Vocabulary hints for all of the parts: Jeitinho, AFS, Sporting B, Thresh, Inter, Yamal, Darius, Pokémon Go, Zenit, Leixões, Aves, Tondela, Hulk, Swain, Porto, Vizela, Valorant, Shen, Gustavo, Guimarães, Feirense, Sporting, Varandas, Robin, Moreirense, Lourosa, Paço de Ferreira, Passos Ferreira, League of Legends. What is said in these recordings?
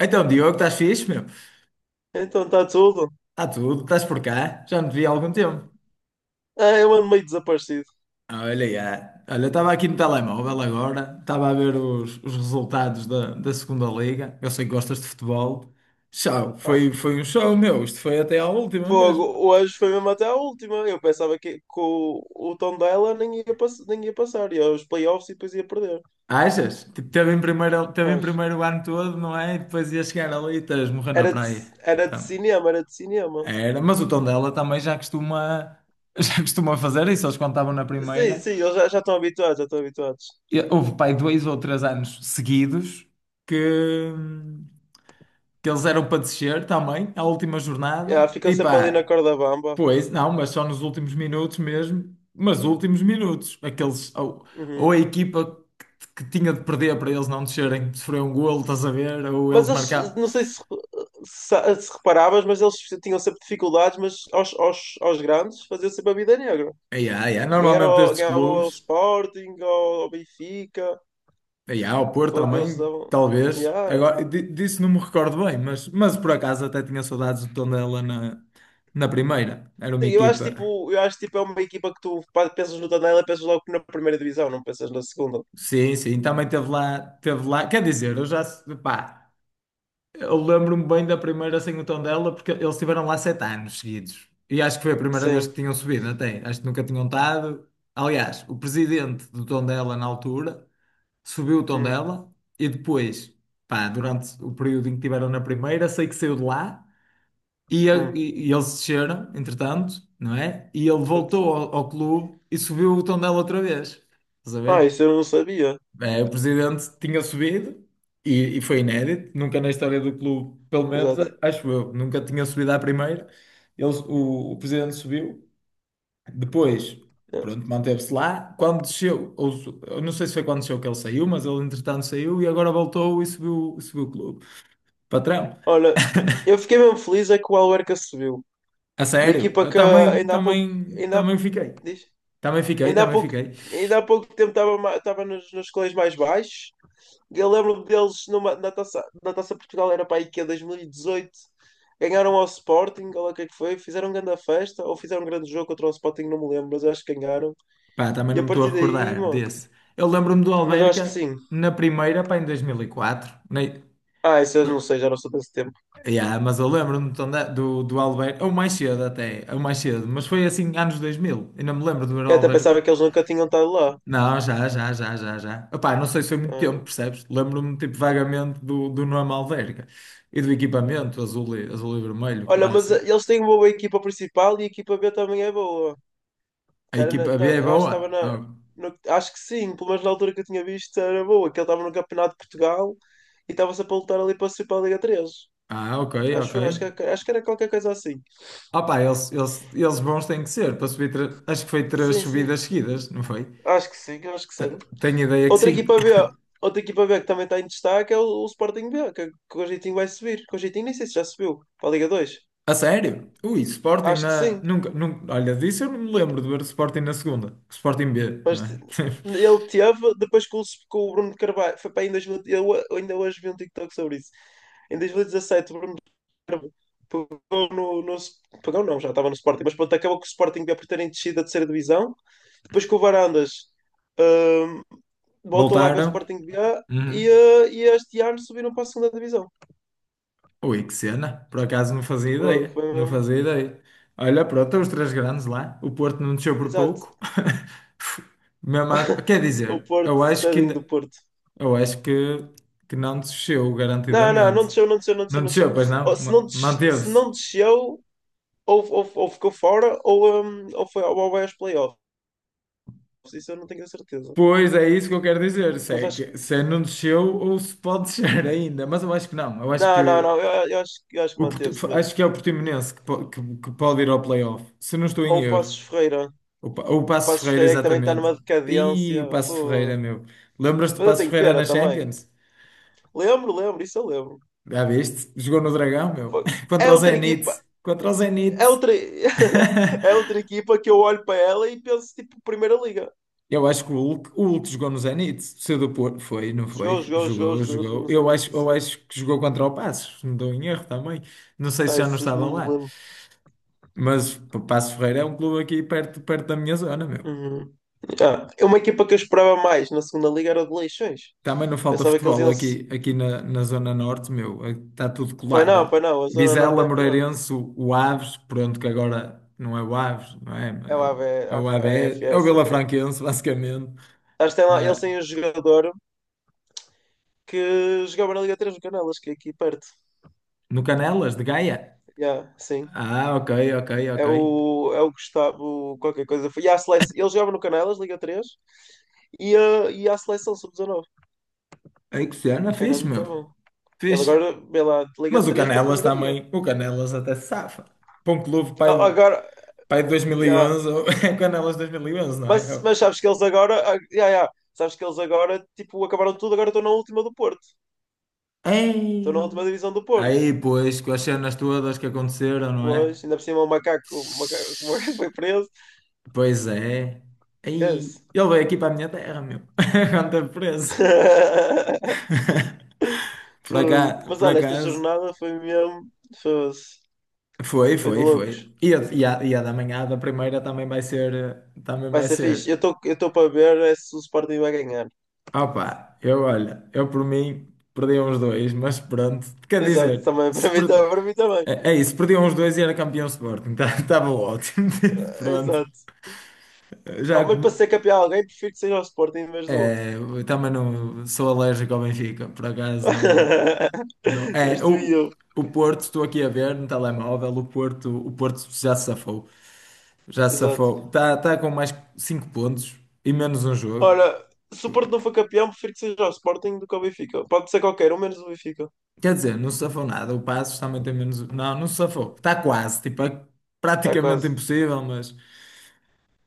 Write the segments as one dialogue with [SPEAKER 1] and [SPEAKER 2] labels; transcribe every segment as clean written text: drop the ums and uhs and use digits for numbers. [SPEAKER 1] Então, Diogo, estás fixe, meu?
[SPEAKER 2] Então está tudo.
[SPEAKER 1] Está tudo, estás por cá? Já não te vi há algum tempo.
[SPEAKER 2] Ah, eu ando meio desaparecido.
[SPEAKER 1] Ah, olha, já. Olha, eu estava aqui no telemóvel agora, estava a ver os resultados da Segunda Liga. Eu sei que gostas de futebol. Show,
[SPEAKER 2] Ah,
[SPEAKER 1] foi um show, meu. Isto foi até à última
[SPEAKER 2] fogo,
[SPEAKER 1] mesmo.
[SPEAKER 2] hoje foi mesmo até a última. Eu pensava que o Tondela nem ia passar, ia aos playoffs e depois ia perder.
[SPEAKER 1] Achas? Tipo, teve em
[SPEAKER 2] Mas
[SPEAKER 1] primeiro o ano todo, não é? E depois ia chegar ali e estás morrer na
[SPEAKER 2] era de,
[SPEAKER 1] praia.
[SPEAKER 2] era de
[SPEAKER 1] Então,
[SPEAKER 2] cinema, era de cinema.
[SPEAKER 1] era. Mas o Tondela também já costuma, já costuma fazer isso. Eles quando estavam na
[SPEAKER 2] Sim,
[SPEAKER 1] primeira.
[SPEAKER 2] sim, eles já estão habituados, já estão habituados.
[SPEAKER 1] E houve, pai, dois ou três anos seguidos que, que eles eram para descer também, à última
[SPEAKER 2] Yeah,
[SPEAKER 1] jornada.
[SPEAKER 2] ficam
[SPEAKER 1] E
[SPEAKER 2] sempre ali na
[SPEAKER 1] pá,
[SPEAKER 2] corda bamba.
[SPEAKER 1] pois, não, mas só nos últimos minutos mesmo. Mas últimos minutos. Aqueles, ou a
[SPEAKER 2] Uhum.
[SPEAKER 1] equipa que tinha de perder para eles não descerem, sofreu um golo, estás a ver? Ou eles
[SPEAKER 2] Mas eles,
[SPEAKER 1] marcaram.
[SPEAKER 2] não sei se reparavas, mas eles tinham sempre dificuldades, mas aos grandes faziam sempre a vida negra.
[SPEAKER 1] Ai, ai, ai, normalmente estes
[SPEAKER 2] Ganhava ao
[SPEAKER 1] clubes.
[SPEAKER 2] Sporting, ao Benfica.
[SPEAKER 1] E há o Porto
[SPEAKER 2] Foi que eles
[SPEAKER 1] também,
[SPEAKER 2] davam.
[SPEAKER 1] talvez.
[SPEAKER 2] Yeah.
[SPEAKER 1] Agora, disso não me recordo bem, mas por acaso até tinha saudades do Tondela na, na primeira. Era uma
[SPEAKER 2] Sim,
[SPEAKER 1] equipa.
[SPEAKER 2] eu acho tipo é uma equipa que tu pá, pensas no Tondela, pensas logo na primeira divisão, não pensas na segunda.
[SPEAKER 1] Sim, sim, também teve lá, teve lá. Quer dizer, eu já, pá, eu lembro-me bem da primeira sem o Tondela, porque eles estiveram lá sete anos seguidos. E acho que foi a primeira vez
[SPEAKER 2] Sim.
[SPEAKER 1] que tinham subido, até. Acho que nunca tinham estado. Aliás, o presidente do Tondela na altura subiu o
[SPEAKER 2] Hum,
[SPEAKER 1] Tondela e depois, pá, durante o período em que estiveram na primeira, sei que saiu de lá. E,
[SPEAKER 2] hum.
[SPEAKER 1] e eles desceram, entretanto, não é? E ele
[SPEAKER 2] Exato.
[SPEAKER 1] voltou ao clube e subiu o Tondela outra vez. Estás a
[SPEAKER 2] Ah,
[SPEAKER 1] ver?
[SPEAKER 2] isso eu não sabia.
[SPEAKER 1] É, o presidente tinha subido e foi inédito, nunca na história do clube, pelo menos
[SPEAKER 2] Exato.
[SPEAKER 1] acho eu, nunca tinha subido à primeira. Eles, o presidente subiu, depois,
[SPEAKER 2] Yeah.
[SPEAKER 1] pronto, manteve-se lá. Quando desceu, ou, eu não sei se foi quando desceu que ele saiu, mas ele entretanto saiu e agora voltou e subiu, subiu o clube. Patrão,
[SPEAKER 2] Olha, eu fiquei mesmo feliz é que o Alverca subiu.
[SPEAKER 1] a
[SPEAKER 2] Uma
[SPEAKER 1] sério,
[SPEAKER 2] equipa
[SPEAKER 1] eu
[SPEAKER 2] que
[SPEAKER 1] também,
[SPEAKER 2] ainda há pouco,
[SPEAKER 1] também,
[SPEAKER 2] ainda há,
[SPEAKER 1] também fiquei.
[SPEAKER 2] Diz?
[SPEAKER 1] Também fiquei,
[SPEAKER 2] Ainda há
[SPEAKER 1] também
[SPEAKER 2] pouco,
[SPEAKER 1] fiquei.
[SPEAKER 2] Ainda há pouco tempo estava estava nos escalões mais baixos. Eu lembro-me deles na taça Portugal, era para a IKEA 2018. Ganharam ao Sporting, ou lá o que é que foi, fizeram grande festa, ou fizeram um grande jogo contra o Sporting, não me lembro, mas eu acho que ganharam.
[SPEAKER 1] Pá, também
[SPEAKER 2] E a
[SPEAKER 1] não me estou a
[SPEAKER 2] partir daí,
[SPEAKER 1] recordar
[SPEAKER 2] mano,
[SPEAKER 1] desse. Eu lembro-me do
[SPEAKER 2] mas eu acho que
[SPEAKER 1] Alverca
[SPEAKER 2] sim.
[SPEAKER 1] na primeira, pá, em 2004. Nem...
[SPEAKER 2] Ah, isso eu não sei, já não sou desse tempo.
[SPEAKER 1] Yeah, mas eu lembro-me então do do alberca ou mais cedo até, ou mais cedo, mas foi assim, anos 2000. Ainda me lembro do ver o
[SPEAKER 2] Eu até
[SPEAKER 1] alberca.
[SPEAKER 2] pensava que eles nunca tinham estado lá.
[SPEAKER 1] Não, já, já, já, já, já. Opá, não sei se foi muito tempo,
[SPEAKER 2] Ah.
[SPEAKER 1] percebes? Lembro-me, tipo, vagamente do nome Alverca e do equipamento azul e, azul e vermelho,
[SPEAKER 2] Olha, mas
[SPEAKER 1] clássico.
[SPEAKER 2] eles têm uma boa equipa principal e a equipa B também é boa.
[SPEAKER 1] A equipa B é
[SPEAKER 2] Eu acho
[SPEAKER 1] boa?
[SPEAKER 2] que estava na.
[SPEAKER 1] Ah,
[SPEAKER 2] Acho que sim, pelo menos na altura que eu tinha visto era boa, que ele estava no Campeonato de Portugal e estava-se a lutar ali para subir para a Liga 3.
[SPEAKER 1] ah, ok, ok.
[SPEAKER 2] Acho que era qualquer coisa assim.
[SPEAKER 1] Opa, eles bons têm que ser para subir. Acho que foi três
[SPEAKER 2] Sim, sim.
[SPEAKER 1] subidas seguidas, não foi?
[SPEAKER 2] Acho que sim, acho que
[SPEAKER 1] Te-
[SPEAKER 2] sim.
[SPEAKER 1] Tenho ideia que
[SPEAKER 2] Outra
[SPEAKER 1] sim.
[SPEAKER 2] equipa B, Outra equipa B que também está em destaque é o Sporting B, que o Jeitinho vai subir. Que o Jeitinho nem sei se já subiu para a Liga 2.
[SPEAKER 1] A sério? Ui, Sporting
[SPEAKER 2] Acho que
[SPEAKER 1] na.
[SPEAKER 2] sim.
[SPEAKER 1] Nunca, nunca. Olha, disso eu não me lembro de ver o Sporting na segunda. Sporting B,
[SPEAKER 2] Mas
[SPEAKER 1] não
[SPEAKER 2] te-
[SPEAKER 1] é?
[SPEAKER 2] Ele teve, depois que o Bruno de Carvalho, foi para aí em 2000 ainda hoje vi um TikTok sobre isso. Em 2017, o Bruno de Carvalho pegou no, no- Pegou não, já estava no Sporting, mas pronto, acabou que o Sporting B por terem descido da terceira divisão. Depois que o Varandas hum, voltou à B
[SPEAKER 1] Voltaram.
[SPEAKER 2] Sporting B A
[SPEAKER 1] Uhum.
[SPEAKER 2] e este ano subiram para a segunda divisão.
[SPEAKER 1] Ui, que cena. Por acaso não fazia ideia.
[SPEAKER 2] Foi
[SPEAKER 1] Não fazia ideia. Olha, pronto, estão os três grandes lá. O Porto não desceu por
[SPEAKER 2] exato.
[SPEAKER 1] pouco. Quer
[SPEAKER 2] O
[SPEAKER 1] dizer, eu
[SPEAKER 2] Porto,
[SPEAKER 1] acho que
[SPEAKER 2] tadinho do
[SPEAKER 1] ainda.
[SPEAKER 2] Porto.
[SPEAKER 1] Eu acho que não desceu,
[SPEAKER 2] Não, não, não
[SPEAKER 1] garantidamente.
[SPEAKER 2] desceu, não desceu, não desceu,
[SPEAKER 1] Não
[SPEAKER 2] não desceu.
[SPEAKER 1] desceu, pois
[SPEAKER 2] Ou
[SPEAKER 1] não?
[SPEAKER 2] se
[SPEAKER 1] Manteve-se.
[SPEAKER 2] não desceu, ou ficou fora, ou foi ou vai aos playoffs. Isso eu não tenho a certeza.
[SPEAKER 1] Pois é isso que eu quero dizer. Se,
[SPEAKER 2] Mas
[SPEAKER 1] é
[SPEAKER 2] acho que.
[SPEAKER 1] se é não desceu ou se pode descer ainda. Mas eu acho que não. Eu acho
[SPEAKER 2] Não, não,
[SPEAKER 1] que,
[SPEAKER 2] não, eu acho que
[SPEAKER 1] o, Porti-
[SPEAKER 2] manteve-se mesmo.
[SPEAKER 1] acho que é o Portimonense que, que pode ir ao playoff. Se não estou
[SPEAKER 2] Ou
[SPEAKER 1] em
[SPEAKER 2] o
[SPEAKER 1] erro.
[SPEAKER 2] Passos Ferreira. O
[SPEAKER 1] O Paço de
[SPEAKER 2] Passos
[SPEAKER 1] Ferreira,
[SPEAKER 2] Ferreira é que também está
[SPEAKER 1] exatamente.
[SPEAKER 2] numa
[SPEAKER 1] E o
[SPEAKER 2] decadência.
[SPEAKER 1] Paço de
[SPEAKER 2] Fu.
[SPEAKER 1] Ferreira, meu. Lembras-te do
[SPEAKER 2] Mas eu
[SPEAKER 1] Paço de
[SPEAKER 2] tenho
[SPEAKER 1] Ferreira
[SPEAKER 2] pena
[SPEAKER 1] na
[SPEAKER 2] também.
[SPEAKER 1] Champions?
[SPEAKER 2] Lembro, lembro, isso eu lembro.
[SPEAKER 1] Já viste? Jogou no Dragão, meu.
[SPEAKER 2] É
[SPEAKER 1] Contra o
[SPEAKER 2] outra equipa,
[SPEAKER 1] Zenit. Contra o Zenit.
[SPEAKER 2] é outra, é outra equipa que eu olho para ela e penso, tipo, Primeira Liga.
[SPEAKER 1] Eu acho que o Hulk jogou no Zenit, saiu do Porto, foi, não
[SPEAKER 2] Jogou,
[SPEAKER 1] foi?
[SPEAKER 2] jogou, jogou,
[SPEAKER 1] Jogou,
[SPEAKER 2] jogou, jogou,
[SPEAKER 1] jogou.
[SPEAKER 2] não sei nem se
[SPEAKER 1] Eu
[SPEAKER 2] isso.
[SPEAKER 1] acho que jogou contra o Passos, não estou em erro também. Não sei se
[SPEAKER 2] Ah,
[SPEAKER 1] já não
[SPEAKER 2] isso eu
[SPEAKER 1] estava
[SPEAKER 2] não me
[SPEAKER 1] lá.
[SPEAKER 2] lembro.
[SPEAKER 1] Mas pá, Passos Ferreira é um clube aqui perto, perto da minha zona, meu.
[SPEAKER 2] Uhum. Ah, é uma equipa que eu esperava mais na segunda liga era o de Leixões.
[SPEAKER 1] Também não falta
[SPEAKER 2] Pensava que eles
[SPEAKER 1] futebol
[SPEAKER 2] iam se.
[SPEAKER 1] aqui, aqui na, na Zona Norte, meu. Está tudo colado.
[SPEAKER 2] Pai não, a Zona Norte
[SPEAKER 1] Vizela,
[SPEAKER 2] é melhor.
[SPEAKER 1] Moreirense, o Aves, pronto, que agora não é o Aves, não é?
[SPEAKER 2] É
[SPEAKER 1] É
[SPEAKER 2] lá a
[SPEAKER 1] o AB, é o
[SPEAKER 2] AFS, ou caralho.
[SPEAKER 1] Vilafranquense, basicamente.
[SPEAKER 2] Acho que tem lá, eles
[SPEAKER 1] É,
[SPEAKER 2] têm um jogador que jogava na Liga 3 do Canelas, que é aqui perto.
[SPEAKER 1] no Canelas, de Gaia.
[SPEAKER 2] Yeah, sim.
[SPEAKER 1] Ah, ok, ok,
[SPEAKER 2] É
[SPEAKER 1] ok.
[SPEAKER 2] o, é o Gustavo, qualquer coisa. E a seleção, ele jogava no Canelas, Liga 3, e a seleção sub-19.
[SPEAKER 1] Ai, que cena,
[SPEAKER 2] Era
[SPEAKER 1] fixe,
[SPEAKER 2] muito
[SPEAKER 1] meu.
[SPEAKER 2] bom. Ele
[SPEAKER 1] Fixe.
[SPEAKER 2] agora, vê lá, de Liga
[SPEAKER 1] Mas o
[SPEAKER 2] 3 para a
[SPEAKER 1] Canelas
[SPEAKER 2] Primeira Liga.
[SPEAKER 1] também, o Canelas até se safa. Para um clube pai,
[SPEAKER 2] Agora,
[SPEAKER 1] pai de
[SPEAKER 2] yeah.
[SPEAKER 1] 2011, é o Canelas 2011, não é?
[SPEAKER 2] Mas,
[SPEAKER 1] É
[SPEAKER 2] mas sabes que eles agora, ah, yeah, yeah. Sabes que eles agora, tipo, acabaram tudo, agora estão na última do Porto. Estão na
[SPEAKER 1] Ei!
[SPEAKER 2] última divisão do Porto.
[SPEAKER 1] Aí, pois, com as cenas todas que aconteceram, não é?
[SPEAKER 2] Pois, ainda por cima o macaco, o macaco, o macaco foi preso.
[SPEAKER 1] Pois é. Aí,
[SPEAKER 2] Esquece.
[SPEAKER 1] ele veio aqui para a minha terra, meu. Quando teve preso. Por acaso,
[SPEAKER 2] Mas
[SPEAKER 1] por
[SPEAKER 2] olha, esta
[SPEAKER 1] acaso.
[SPEAKER 2] jornada foi mesmo. Foi,
[SPEAKER 1] Foi,
[SPEAKER 2] foi de
[SPEAKER 1] foi, foi.
[SPEAKER 2] loucos.
[SPEAKER 1] E a da manhã da primeira também vai ser, também
[SPEAKER 2] Vai
[SPEAKER 1] vai
[SPEAKER 2] ser fixe. Eu
[SPEAKER 1] ser.
[SPEAKER 2] estou eu estou para ver é se o Sporting vai ganhar.
[SPEAKER 1] Ah pá, eu olha, eu por mim perdi uns dois, mas pronto, quer
[SPEAKER 2] Exato,
[SPEAKER 1] dizer,
[SPEAKER 2] também.
[SPEAKER 1] se
[SPEAKER 2] Para mim,
[SPEAKER 1] per-
[SPEAKER 2] também, para mim também.
[SPEAKER 1] é, é isso, perdi uns dois e era campeão Sporting, estava ótimo,
[SPEAKER 2] Ah,
[SPEAKER 1] pronto,
[SPEAKER 2] exato. Ah,
[SPEAKER 1] já
[SPEAKER 2] mas para
[SPEAKER 1] como,
[SPEAKER 2] ser campeão alguém, prefiro que seja o Sporting em vez do outro.
[SPEAKER 1] é, eu também não sou alérgico ao Benfica, por acaso não, não,
[SPEAKER 2] És
[SPEAKER 1] é,
[SPEAKER 2] tu e eu.
[SPEAKER 1] o Porto, estou aqui a ver no telemóvel, o Porto já se
[SPEAKER 2] Exato.
[SPEAKER 1] safou, está com mais cinco pontos e menos um jogo.
[SPEAKER 2] Ora, se o Porto não for campeão, prefiro que seja o Sporting do que o Benfica. Pode ser qualquer um, menos o Benfica.
[SPEAKER 1] Quer dizer, não se safou nada. O Passos também tem menos. Não, não se safou. Está quase. Tipo, é
[SPEAKER 2] Está
[SPEAKER 1] praticamente
[SPEAKER 2] quase.
[SPEAKER 1] impossível, mas.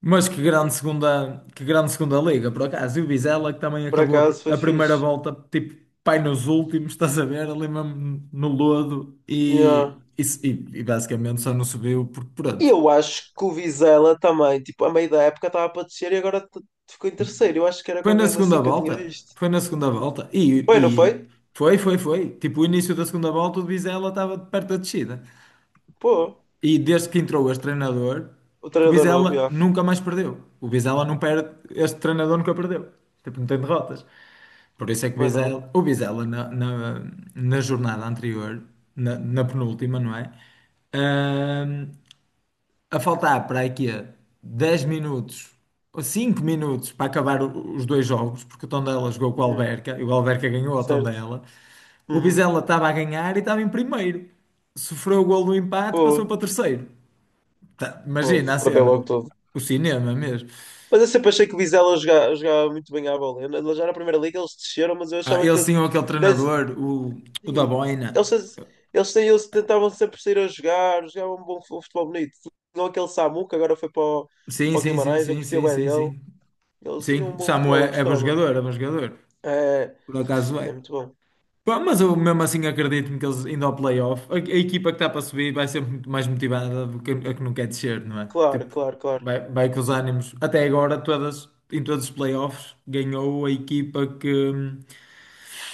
[SPEAKER 1] Mas que grande segunda liga, por acaso. E o Vizela, que também
[SPEAKER 2] Por
[SPEAKER 1] acabou
[SPEAKER 2] acaso, foi
[SPEAKER 1] a primeira
[SPEAKER 2] fixe.
[SPEAKER 1] volta, tipo, pai nos últimos, estás a ver, ali mesmo no lodo.
[SPEAKER 2] Yeah.
[SPEAKER 1] E, e basicamente só não subiu, porque
[SPEAKER 2] E
[SPEAKER 1] pronto.
[SPEAKER 2] eu acho que o Vizela também, tipo, a meio da época estava para descer e agora ficou em terceiro. Eu acho que era
[SPEAKER 1] Foi
[SPEAKER 2] qualquer
[SPEAKER 1] na
[SPEAKER 2] coisa
[SPEAKER 1] segunda
[SPEAKER 2] assim que eu tinha
[SPEAKER 1] volta.
[SPEAKER 2] visto.
[SPEAKER 1] Foi na segunda volta.
[SPEAKER 2] Foi, não
[SPEAKER 1] E
[SPEAKER 2] foi?
[SPEAKER 1] foi, foi, foi. Tipo, o início da segunda volta, o Vizela estava perto da descida.
[SPEAKER 2] Pô.
[SPEAKER 1] E desde que entrou este treinador,
[SPEAKER 2] O
[SPEAKER 1] que o
[SPEAKER 2] treinador
[SPEAKER 1] Vizela
[SPEAKER 2] novo, já.
[SPEAKER 1] nunca mais perdeu. O Vizela não perde, este treinador nunca perdeu. Tipo, não tem derrotas. Por isso é que
[SPEAKER 2] Bem não.
[SPEAKER 1] O Vizela na jornada anterior, na penúltima, não é? Ahm, a faltar para aqui 10 minutos ou 5 minutos para acabar os dois jogos, porque o Tondela jogou com o
[SPEAKER 2] Hum,
[SPEAKER 1] Alverca e o Alverca ganhou ao
[SPEAKER 2] certo.
[SPEAKER 1] Tondela. O
[SPEAKER 2] Uhum.
[SPEAKER 1] Vizela estava a ganhar e estava em primeiro. Sofreu o gol do empate, passou
[SPEAKER 2] Pô,
[SPEAKER 1] para terceiro. Tá,
[SPEAKER 2] pô,
[SPEAKER 1] imagina a
[SPEAKER 2] perdeu logo
[SPEAKER 1] cena.
[SPEAKER 2] tudo.
[SPEAKER 1] O cinema mesmo.
[SPEAKER 2] Mas eu sempre achei que o Vizela jogava, jogava muito bem à bola. Ele já na primeira liga eles desceram, mas eu
[SPEAKER 1] Ah,
[SPEAKER 2] achava
[SPEAKER 1] ele
[SPEAKER 2] que
[SPEAKER 1] sim, ou aquele
[SPEAKER 2] dez-
[SPEAKER 1] treinador, o da
[SPEAKER 2] sim, eles,
[SPEAKER 1] Boina.
[SPEAKER 2] eles tentavam sempre sair a jogar, jogavam um bom futebol bonito. Não aquele Samu que agora foi para o,
[SPEAKER 1] Sim,
[SPEAKER 2] para o
[SPEAKER 1] sim, sim,
[SPEAKER 2] Guimarães, eu
[SPEAKER 1] sim,
[SPEAKER 2] curtia
[SPEAKER 1] sim,
[SPEAKER 2] bem
[SPEAKER 1] sim,
[SPEAKER 2] dele.
[SPEAKER 1] sim.
[SPEAKER 2] Eles tinham
[SPEAKER 1] Sim,
[SPEAKER 2] um
[SPEAKER 1] o
[SPEAKER 2] bom
[SPEAKER 1] Samu
[SPEAKER 2] futebol, eu
[SPEAKER 1] é, é bom
[SPEAKER 2] gostava.
[SPEAKER 1] jogador, é bom jogador.
[SPEAKER 2] É,
[SPEAKER 1] Por acaso
[SPEAKER 2] é
[SPEAKER 1] é.
[SPEAKER 2] muito bom.
[SPEAKER 1] Pá, mas eu mesmo assim acredito-me que eles indo ao playoff, a equipa que está para subir vai ser muito mais motivada do que a que não quer descer, não é?
[SPEAKER 2] Claro,
[SPEAKER 1] Tipo,
[SPEAKER 2] claro, claro.
[SPEAKER 1] vai, vai com os ânimos. Até agora, todas, em todos os playoffs, ganhou a equipa que.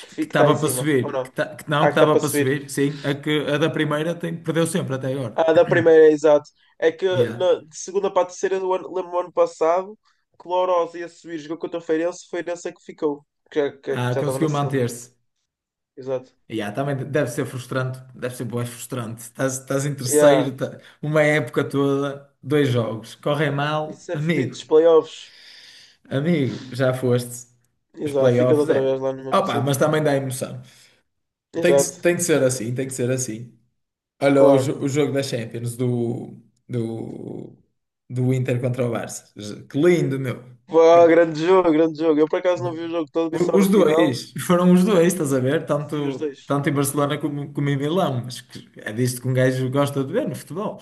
[SPEAKER 2] Que
[SPEAKER 1] Que
[SPEAKER 2] fica está
[SPEAKER 1] estava
[SPEAKER 2] em
[SPEAKER 1] para
[SPEAKER 2] cima, ou
[SPEAKER 1] subir, que,
[SPEAKER 2] não?
[SPEAKER 1] ta- que não,
[SPEAKER 2] Ah,
[SPEAKER 1] que
[SPEAKER 2] que está
[SPEAKER 1] estava
[SPEAKER 2] para
[SPEAKER 1] para
[SPEAKER 2] subir.
[SPEAKER 1] subir, sim, a da primeira tem, perdeu sempre até agora.
[SPEAKER 2] Ah, da primeira, exato.
[SPEAKER 1] Yeah.
[SPEAKER 2] De segunda para a terceira, do ano, lembro-me do ano passado que o Lourosa ia subir, jogou contra o Feirense, foi nessa que ficou, que
[SPEAKER 1] Ah,
[SPEAKER 2] já estava na
[SPEAKER 1] conseguiu
[SPEAKER 2] segunda.
[SPEAKER 1] manter-se.
[SPEAKER 2] Exato.
[SPEAKER 1] Yeah, também deve ser frustrante, deve ser bué frustrante. Estás, estás em
[SPEAKER 2] Yeah.
[SPEAKER 1] terceiro, uma época toda, dois jogos, correm mal,
[SPEAKER 2] Isso é fedido
[SPEAKER 1] amigo,
[SPEAKER 2] dos playoffs.
[SPEAKER 1] amigo, já foste. Os
[SPEAKER 2] Exato, ficas
[SPEAKER 1] playoffs
[SPEAKER 2] outra vez
[SPEAKER 1] é.
[SPEAKER 2] lá no mesmo
[SPEAKER 1] Opa,
[SPEAKER 2] sítio.
[SPEAKER 1] mas também dá emoção.
[SPEAKER 2] Exato,
[SPEAKER 1] Tem que ser assim, tem que ser assim. Olha
[SPEAKER 2] claro.
[SPEAKER 1] o jogo da Champions do, do Inter contra o Barça. Que lindo, meu.
[SPEAKER 2] Pá,
[SPEAKER 1] É
[SPEAKER 2] grande jogo, grande jogo. Eu por acaso não
[SPEAKER 1] da-
[SPEAKER 2] vi o jogo todo, vi só no
[SPEAKER 1] os
[SPEAKER 2] final.
[SPEAKER 1] dois, foram os dois, estás a ver?
[SPEAKER 2] Sim, os
[SPEAKER 1] Tanto,
[SPEAKER 2] dois,
[SPEAKER 1] tanto
[SPEAKER 2] os
[SPEAKER 1] em
[SPEAKER 2] dois.
[SPEAKER 1] Barcelona como, como em Milão. Mas que é disto que um gajo gosta de ver no futebol.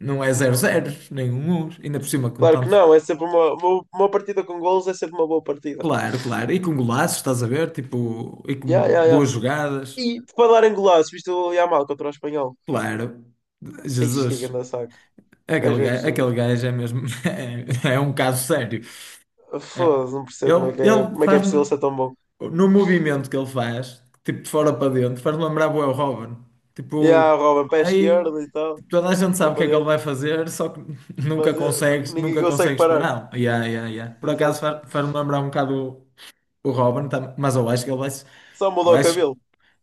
[SPEAKER 1] Não é zero
[SPEAKER 2] Uhum.
[SPEAKER 1] zero, nem 1-1. Ainda por cima com
[SPEAKER 2] Claro que
[SPEAKER 1] tantos.
[SPEAKER 2] não, é sempre uma partida com golos, é sempre uma boa partida.
[SPEAKER 1] Claro, claro. E com golaços, estás a ver? Tipo, e com
[SPEAKER 2] Yeah, yeah,
[SPEAKER 1] boas
[SPEAKER 2] yeah.
[SPEAKER 1] jogadas.
[SPEAKER 2] E para dar em golaço, viste o Yamal contra o Espanhol?
[SPEAKER 1] Claro.
[SPEAKER 2] Ixi, que
[SPEAKER 1] Jesus.
[SPEAKER 2] grande saco. O gajo é absurdo.
[SPEAKER 1] Aquele gajo é mesmo. É, um caso sério. É.
[SPEAKER 2] Foda-se, não percebo
[SPEAKER 1] Ele,
[SPEAKER 2] como é que é,
[SPEAKER 1] ele
[SPEAKER 2] como é que é possível
[SPEAKER 1] faz-me,
[SPEAKER 2] ser tão bom.
[SPEAKER 1] no movimento que ele faz, tipo de fora para dentro, faz-me lembrar bué o Robin.
[SPEAKER 2] E há
[SPEAKER 1] Tipo,
[SPEAKER 2] o Robin pé
[SPEAKER 1] aí
[SPEAKER 2] esquerdo e tal,
[SPEAKER 1] toda a gente
[SPEAKER 2] puxa
[SPEAKER 1] sabe o que
[SPEAKER 2] para
[SPEAKER 1] é que ele vai
[SPEAKER 2] dentro.
[SPEAKER 1] fazer, só que nunca
[SPEAKER 2] Mas eu
[SPEAKER 1] consegues,
[SPEAKER 2] ninguém
[SPEAKER 1] nunca
[SPEAKER 2] consegue
[SPEAKER 1] consegues
[SPEAKER 2] parar.
[SPEAKER 1] pará-lo. Yeah, yeah, yeah. Por acaso
[SPEAKER 2] Exato.
[SPEAKER 1] faz-me lembrar um bocado o Robin, mas eu acho que ele vai.
[SPEAKER 2] Só
[SPEAKER 1] Eu
[SPEAKER 2] mudou o
[SPEAKER 1] acho,
[SPEAKER 2] cabelo.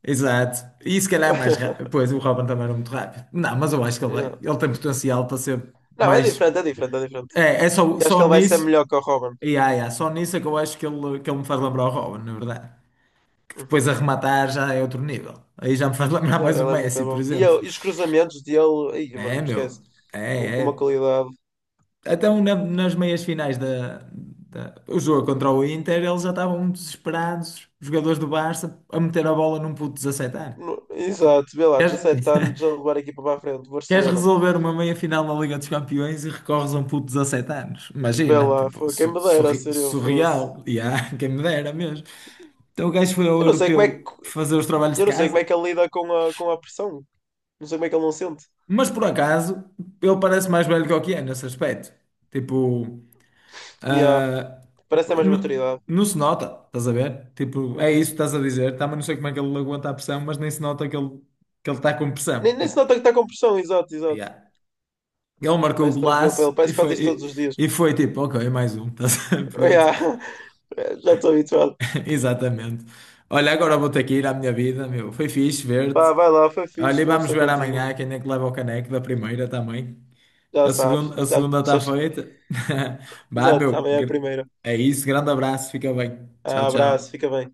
[SPEAKER 1] exato. E se calhar é mais rápido. Pois, o Robin também era muito rápido. Não, mas eu acho que ele vai,
[SPEAKER 2] Yeah.
[SPEAKER 1] ele tem potencial para ser
[SPEAKER 2] Não, é
[SPEAKER 1] mais.
[SPEAKER 2] diferente, é diferente, é diferente.
[SPEAKER 1] É, é só,
[SPEAKER 2] E acho que
[SPEAKER 1] só
[SPEAKER 2] ele vai ser
[SPEAKER 1] nisso.
[SPEAKER 2] melhor que o Robin.
[SPEAKER 1] E ai, ai, só nisso é que eu acho que ele me faz lembrar o Robin, na verdade. Depois a
[SPEAKER 2] Uhum.
[SPEAKER 1] rematar já é outro nível. Aí já me faz lembrar
[SPEAKER 2] Yeah,
[SPEAKER 1] mais o
[SPEAKER 2] ele é muito
[SPEAKER 1] Messi, por
[SPEAKER 2] bom.
[SPEAKER 1] exemplo.
[SPEAKER 2] E os cruzamentos dele, aí, mano,
[SPEAKER 1] É,
[SPEAKER 2] não esquece.
[SPEAKER 1] meu.
[SPEAKER 2] Bom, com
[SPEAKER 1] É,
[SPEAKER 2] uma
[SPEAKER 1] é.
[SPEAKER 2] qualidade.
[SPEAKER 1] Até um nas meias finais o jogo contra o Inter, eles já estavam desesperados, os jogadores do Barça, a meter a bola num puto de 17 anos. Tu
[SPEAKER 2] Exato, vê lá,
[SPEAKER 1] queres,
[SPEAKER 2] 17 anos a levar a equipa para a frente,
[SPEAKER 1] queres
[SPEAKER 2] Barcelona.
[SPEAKER 1] resolver uma meia final na Liga dos Campeões e recorres a um puto de 17 anos?
[SPEAKER 2] Vê
[SPEAKER 1] Imagina,
[SPEAKER 2] lá,
[SPEAKER 1] tipo,
[SPEAKER 2] foi quem me dera ser eu fosse.
[SPEAKER 1] surreal. Yeah, quem me dera mesmo. Então o gajo foi ao
[SPEAKER 2] Eu não sei como é que
[SPEAKER 1] europeu fazer os trabalhos de
[SPEAKER 2] Eu não sei como é
[SPEAKER 1] casa,
[SPEAKER 2] que ele lida com a pressão. Não sei como é que ele não sente.
[SPEAKER 1] mas por acaso ele parece mais velho que o que é nesse aspecto. Tipo,
[SPEAKER 2] Yeah.
[SPEAKER 1] ah,
[SPEAKER 2] Parece ter mais
[SPEAKER 1] n-
[SPEAKER 2] maturidade.
[SPEAKER 1] não se nota, estás a ver? Tipo, é isso que
[SPEAKER 2] Uhum.
[SPEAKER 1] estás a dizer. Também não sei como é que ele aguenta a pressão, mas nem se nota que ele está com pressão.
[SPEAKER 2] Nem se
[SPEAKER 1] Tipo,
[SPEAKER 2] nota que está com pressão, exato, exato.
[SPEAKER 1] yeah. Ele marcou o
[SPEAKER 2] Parece tranquilo para
[SPEAKER 1] golaço
[SPEAKER 2] ele.
[SPEAKER 1] e
[SPEAKER 2] Parece que faz isto todos
[SPEAKER 1] foi,
[SPEAKER 2] os dias.
[SPEAKER 1] e foi tipo, ok, mais um, estás a ver? Pronto,
[SPEAKER 2] Yeah. Já estou habituado.
[SPEAKER 1] exatamente. Olha, agora vou ter que ir à minha vida, meu. Foi fixe
[SPEAKER 2] Vá,
[SPEAKER 1] ver-te.
[SPEAKER 2] vai lá, foi fixe
[SPEAKER 1] Olha, e vamos
[SPEAKER 2] conversar
[SPEAKER 1] ver
[SPEAKER 2] contigo.
[SPEAKER 1] amanhã quem é que leva o caneco da primeira também.
[SPEAKER 2] Já sabes.
[SPEAKER 1] A
[SPEAKER 2] Já
[SPEAKER 1] segunda está
[SPEAKER 2] sabes.
[SPEAKER 1] feita. Vá,
[SPEAKER 2] Exato,
[SPEAKER 1] meu.
[SPEAKER 2] amanhã é a primeira.
[SPEAKER 1] É isso. Grande abraço. Fica bem. Tchau,
[SPEAKER 2] Ah, abraço,
[SPEAKER 1] tchau.
[SPEAKER 2] fica bem.